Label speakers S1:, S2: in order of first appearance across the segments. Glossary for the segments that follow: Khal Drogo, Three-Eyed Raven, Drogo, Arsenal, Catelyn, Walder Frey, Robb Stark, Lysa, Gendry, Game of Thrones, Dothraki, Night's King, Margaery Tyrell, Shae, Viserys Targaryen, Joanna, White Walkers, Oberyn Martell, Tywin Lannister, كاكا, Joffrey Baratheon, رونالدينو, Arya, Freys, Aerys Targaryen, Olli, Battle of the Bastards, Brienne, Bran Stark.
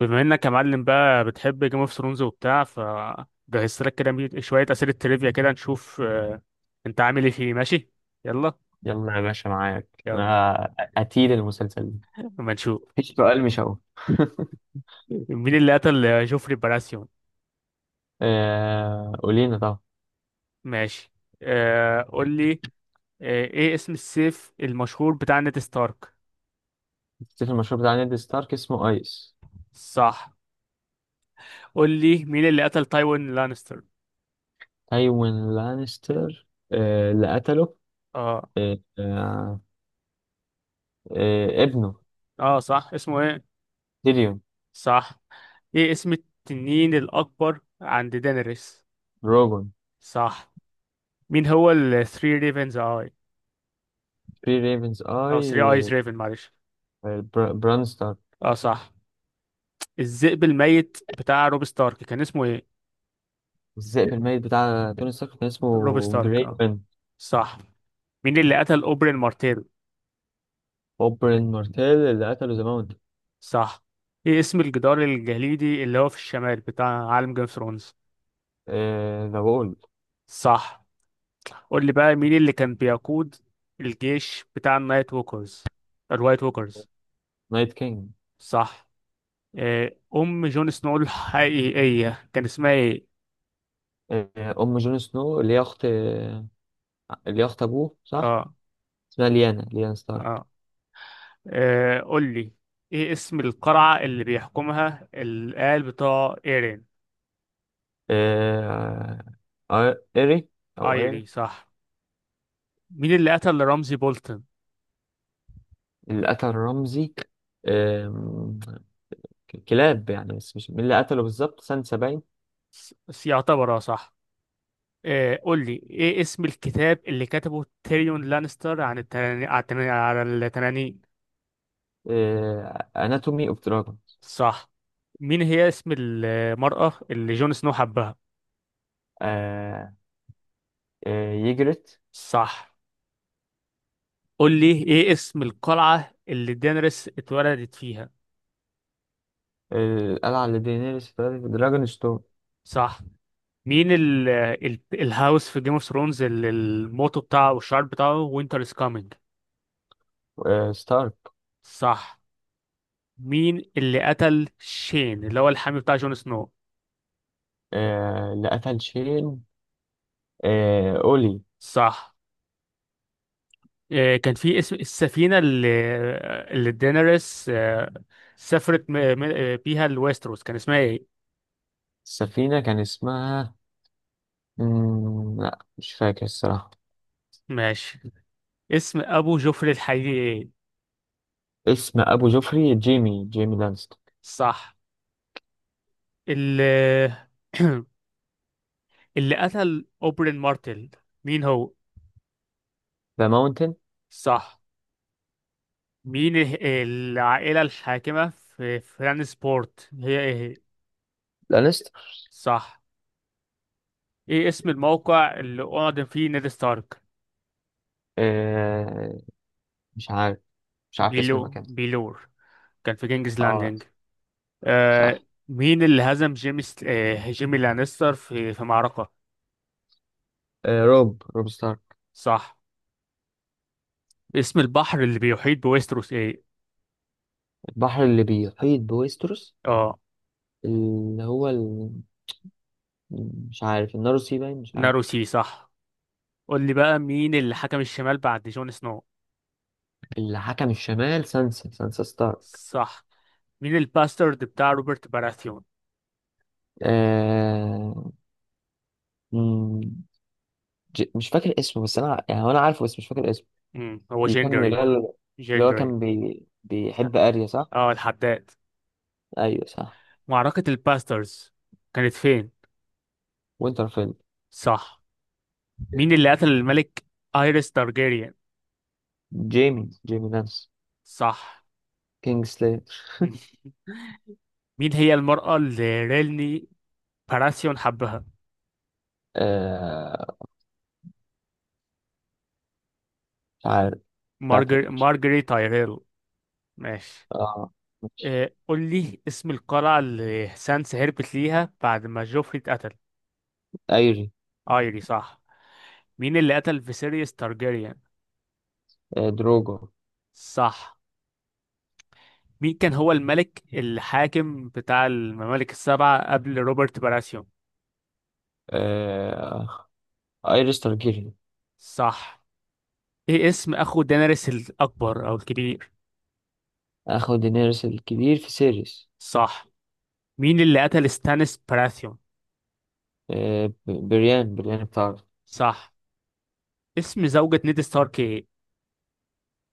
S1: بما انك يا معلم بقى بتحب جيم اوف ثرونز وبتاع فجهزت لك كده شويه اسئله تريفيا كده نشوف انت عامل ايه فيه ماشي. يلا.
S2: يلا يا باشا، معاك.
S1: يلا.
S2: انا قتيل المسلسل ده.
S1: اما نشوف.
S2: مفيش سؤال مش هقول.
S1: مين اللي قتل جوفري باراسيون؟
S2: قولينا طبعا.
S1: ماشي. آه قول لي. آه ايه اسم السيف المشهور بتاع نيد ستارك؟
S2: تفتكر المشروع بتاع نيد ستارك اسمه ايس.
S1: صح. قول لي مين اللي قتل تايوين لانستر؟
S2: تايوين لانستر. اللي قتله
S1: اه.
S2: آه، آه، ابنه.
S1: اه صح، اسمه ايه؟
S2: تيريون.
S1: صح. ايه اسم التنين الاكبر عند دينيريس؟
S2: روجون.
S1: صح. مين هو الثري ريفنز؟
S2: بري ريفنز
S1: اه، 3 ايز
S2: اي.
S1: ريفن معلش.
S2: بران ستارك.
S1: اه صح. الذئب الميت بتاع روب ستارك كان اسمه ايه؟
S2: الذئب الميت بتاع توني ستارك كان
S1: روب
S2: اسمه
S1: ستارك اه.
S2: جريفن.
S1: صح. مين اللي قتل اوبرين مارتيل؟
S2: اوبرين مارتيل اللي قتله ذا ماونت.
S1: صح. ايه اسم الجدار الجليدي اللي هو في الشمال بتاع عالم جيم اوف ثرونز؟
S2: ذا وول.
S1: صح. قول لي بقى مين اللي كان بيقود الجيش بتاع النايت ووكرز، الوايت ووكرز؟
S2: نايت كينج.
S1: صح. ام جون سنو الحقيقية كان اسمها ايه؟
S2: آه، ام جون سنو اللي هي اخت ابوه صح.
S1: اه.
S2: اسمها ليانا ستارك.
S1: اه. آه قول لي، ايه اسم القلعة اللي بيحكمها الآل بتاع ايرين؟
S2: آه، ايري او ايري.
S1: ايري صح. مين اللي قتل رمزي بولتن؟
S2: اللي قتل رمزي، آم، كلاب يعني، بس مش مين اللي قتله بالظبط. سانسا باين.
S1: يعتبر اه صح. آه قول لي، ايه اسم الكتاب اللي كتبه تيريون لانستر عن التنانين على على التنانين؟
S2: اناتومي اوف دراجون.
S1: صح. مين هي اسم المرأة اللي جون سنو حبها؟
S2: يجرت.
S1: صح. قول لي ايه اسم القلعة اللي دينيريس اتولدت فيها؟
S2: آه، القلعه اللي دينيريس اتولدت في دراجون ستون.
S1: صح. مين ال الهاوس في جيم اوف ثرونز اللي الموتو بتاعه او الشعار بتاعه وينتر از كامينج؟
S2: ستارك.
S1: صح. مين اللي قتل شين اللي هو الحامي بتاع جون سنو؟
S2: اللي قتل شين. اولي.
S1: صح. آه كان في اسم السفينة اللي دينيريس آه سافرت بيها لويستروس كان اسمها ايه؟
S2: السفينه كان اسمها. لا، مش فاكر الصراحة.
S1: ماشي. اسم ابو جوفري الحقيقي ايه؟
S2: اسم أبو جوفري جيمي لانستر.
S1: صح. اللي اللي قتل اوبرين مارتل مين هو؟
S2: ذا ماونتن.
S1: صح. مين العائلة الحاكمة في فران سبورت هي ايه؟
S2: لانستر.
S1: صح. ايه اسم الموقع اللي أعدم فيه نيد ستارك؟
S2: آه مش عارف مش عارف اسم
S1: بيلو،
S2: المكان.
S1: بيلور، كان في كينجز
S2: اه
S1: لاندنج. آه.
S2: صح.
S1: مين اللي هزم جيمي ست... آه جيمي لانستر في معركة؟
S2: روب ستارك.
S1: صح. اسم البحر اللي بيحيط بويستروس ايه؟
S2: البحر اللي بيحيط بويستروس،
S1: اه.
S2: اللي هو مش عارف. الناروسي باين. مش عارف.
S1: ناروسي صح. قول لي بقى مين اللي حكم الشمال بعد جون سنو؟
S2: اللي حكم الشمال، سانسا ستارك.
S1: صح. مين الباسترد بتاع روبرت باراثيون؟
S2: آه... مم، مش فاكر اسمه، بس أنا يعني هو أنا عارفه بس مش فاكر اسمه.
S1: مم، هو
S2: اللي كان اللي
S1: جندري.
S2: هو اللي هو
S1: جندري.
S2: كان بيحب أريا، صح؟
S1: اه الحداد.
S2: أيوه صح.
S1: معركة الباسترز كانت فين؟
S2: وينترفيل.
S1: صح. مين اللي قتل الملك ايريس تارجيريان؟
S2: جيمي لانس.
S1: صح.
S2: كينج سليتر.
S1: مين هي المرأة اللي ريلني باراسيون حبها؟
S2: آه مش عارف.
S1: مارجر... مارجري تايريل. ماشي.
S2: اه، مش.
S1: قول لي اسم القلعة اللي سانس هربت ليها بعد ما جوفري اتقتل؟
S2: ايري.
S1: ايري صح. مين اللي قتل فيسيريس تارجيريان؟
S2: دروجو.
S1: صح. مين كان هو الملك الحاكم بتاع الممالك السبعة قبل روبرت باراسيون؟
S2: آه ايريس تارجيريان.
S1: صح. ايه اسم اخو دينيريس الاكبر او الكبير؟
S2: اخو دينيريس الكبير في سيريس.
S1: صح. مين اللي قتل ستانيس براثيون؟
S2: بريان بتاعه.
S1: صح. اسم زوجة نيد ستارك ايه؟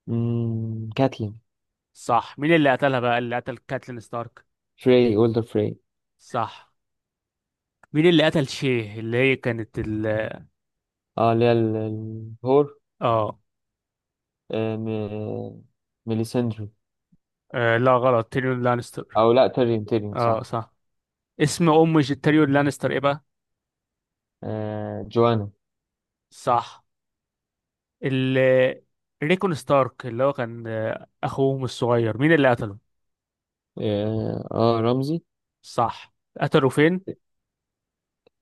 S2: كاتلين.
S1: صح. مين اللي قتلها بقى، اللي قتل كاتلين ستارك؟
S2: اولدر فري.
S1: صح. مين اللي قتل شيه اللي هي كانت ال
S2: اه، اللي هي الهور.
S1: اه؟
S2: آه م- ميليسندري.
S1: لا غلط تيريون لانستر.
S2: او لا، تيرين
S1: اه
S2: صح.
S1: صح. اسم ام تيريون لانستر ايه بقى؟
S2: جوانا.
S1: صح. ال ريكون ستارك اللي هو كان اخوهم الصغير مين اللي قتله؟
S2: اه، رمزي.
S1: صح. قتله فين؟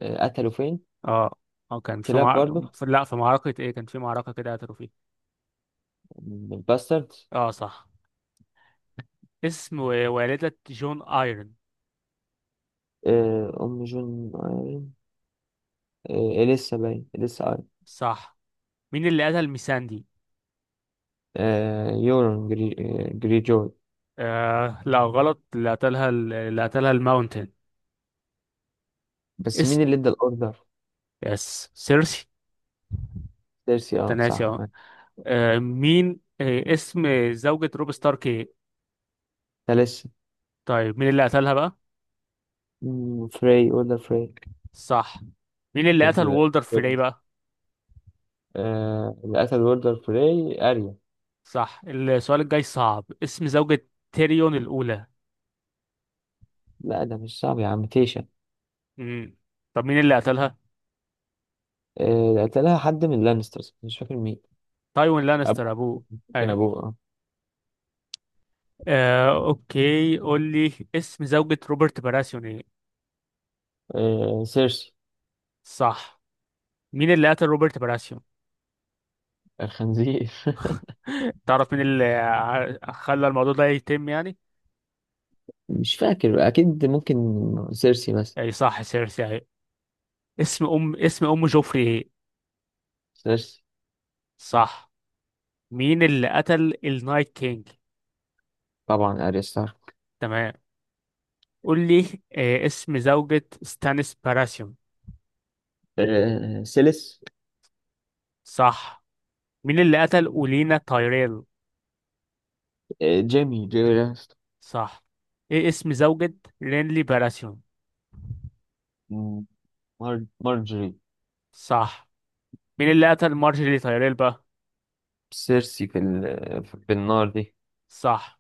S2: قتلوا فين.
S1: اه. اه كانت في
S2: كلاب برضه.
S1: معركة لا في معركة ايه كان في معركة كده قتلوا فيها.
S2: باسترد.
S1: اه صح. اسم والدة جون ايرون؟
S2: أم جون آيرين. آه، إليسا آيرين.
S1: صح. مين اللي قتل ميساندي؟
S2: آه، يورون جري... آه، جري جوي.
S1: آه لا غلط، اللي قتلها اللي قتلها الماونتن.
S2: بس
S1: اسم.
S2: مين اللي ادى الأوردر؟
S1: يس سيرسي.
S2: ديرسي، اه
S1: تناسي
S2: صح.
S1: اه. مين. آه اسم زوجة روب ستارك ايه؟
S2: تاليسا.
S1: طيب مين اللي قتلها بقى؟
S2: أوردر فري.
S1: صح. مين اللي
S2: في
S1: قتل
S2: الب-
S1: وولدر فري بقى؟
S2: اللي قتل أوردر فري أريا.
S1: صح. السؤال الجاي صعب، اسم زوجة تيريون الأولى؟
S2: لا، ده مش صعب يا عم، تيشا.
S1: مم. طب مين اللي قتلها؟
S2: ده قتلها حد من لانسترز، مش فاكر مين.
S1: تايوين
S2: أبوه.
S1: لانستر ابوه.
S2: كان
S1: ايوه.
S2: أبوه، اه.
S1: اوكي، قول لي اسم زوجة روبرت براسيون ايه؟
S2: سيرسي.
S1: صح. مين اللي قتل روبرت براسيون؟
S2: الخنزير.
S1: تعرف مين اللي خلى الموضوع ده يتم يعني؟
S2: مش فاكر أكيد، ممكن سيرسي بس.
S1: اي صح، سيرسي اهي. اسم ام، اسم ام جوفري ايه؟
S2: سيرسي.
S1: صح. مين اللي قتل النايت كينج؟
S2: طبعا اريا ستارك.
S1: تمام. قول لي اسم زوجة ستانيس براسيون؟
S2: سيليس.
S1: صح. مين اللي قتل اولينا تايريل؟
S2: جيمي لانستر.
S1: صح. ايه اسم زوجة رينلي براسيون؟
S2: مم، مار... مارجري.
S1: صح. مين اللي قتل مارجري تايريل بقى؟
S2: سيرسي في في النار دي.
S1: صح.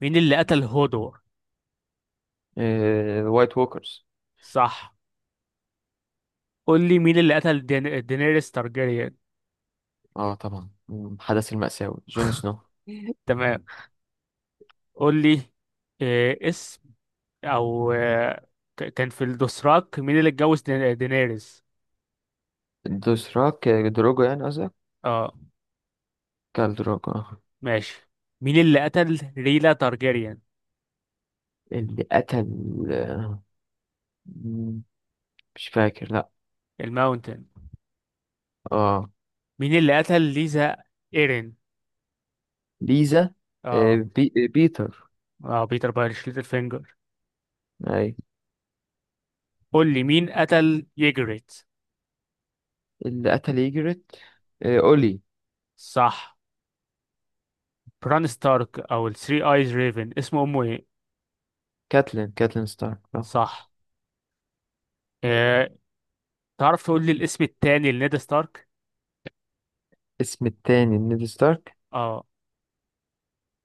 S1: مين اللي قتل هودور؟
S2: وايت ووكرز.
S1: صح. قول لي مين اللي قتل دين... دينيريس تارجيريان؟
S2: اه طبعا، حدث المأساوي جون سنو.
S1: تمام. قول لي، إيه اسم، او كان في الدوسراك مين اللي اتجوز دينيريس؟
S2: دوسراك، دروجو يعني قصدك.
S1: اه
S2: كال دروجو.
S1: ماشي. مين اللي قتل ريلا تارجيريان؟
S2: اللي قتل، آه، مم، مش فاكر، لا.
S1: الماونتن.
S2: اه.
S1: مين اللي قتل ليزا ايرين؟
S2: ليزا. آه،
S1: اه.
S2: بي... آه، بيتر.
S1: اه بيتر بايرش ليتل فينجر.
S2: اي.
S1: قول لي مين قتل ييجريت؟
S2: اللي قتل يجرت، اولي.
S1: صح. بران ستارك او الثري ايز ريفن اسمه امه ايه؟
S2: كاتلين ستارك.
S1: صح. إيه. تعرف تقول لي الاسم التاني لنيد ستارك؟
S2: اسم التاني نيد ستارك.
S1: اه.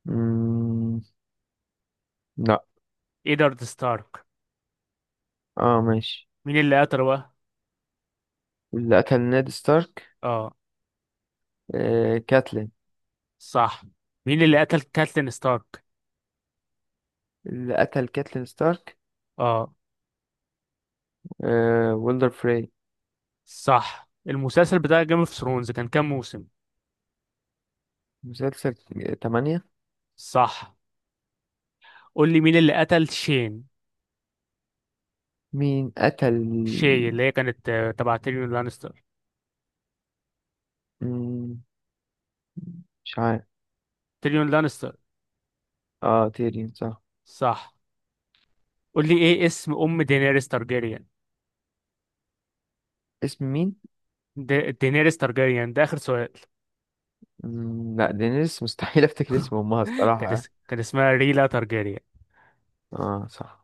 S2: مم... لا.
S1: ايدارد ستارك.
S2: اه، ماشي.
S1: مين اللي قتله بقى؟
S2: اللي قتل نيد ستارك.
S1: اه
S2: كاتلين.
S1: صح. مين اللي قتل كاتلين ستارك؟
S2: اللي قتل كاتلين ستارك.
S1: اه
S2: ويلدر فري.
S1: صح. المسلسل بتاع جيم اوف ثرونز كان كام موسم؟
S2: مسلسل 8.
S1: صح. قول لي مين اللي قتل شين؟
S2: مين قتل.
S1: شي اللي هي كانت تبع تيريون لانستر.
S2: مم... مش عارف.
S1: تيريون لانستر.
S2: اه تيرين صح.
S1: صح. قول لي ايه اسم ام دينيريس تارجيريان؟
S2: اسم مين؟
S1: دي... دينيريس تارجيريان ده اخر سؤال.
S2: لا، دينيس مستحيل افتكر اسم امها الصراحة.
S1: كان اسمها ريلا تارجاريان.
S2: اه صح.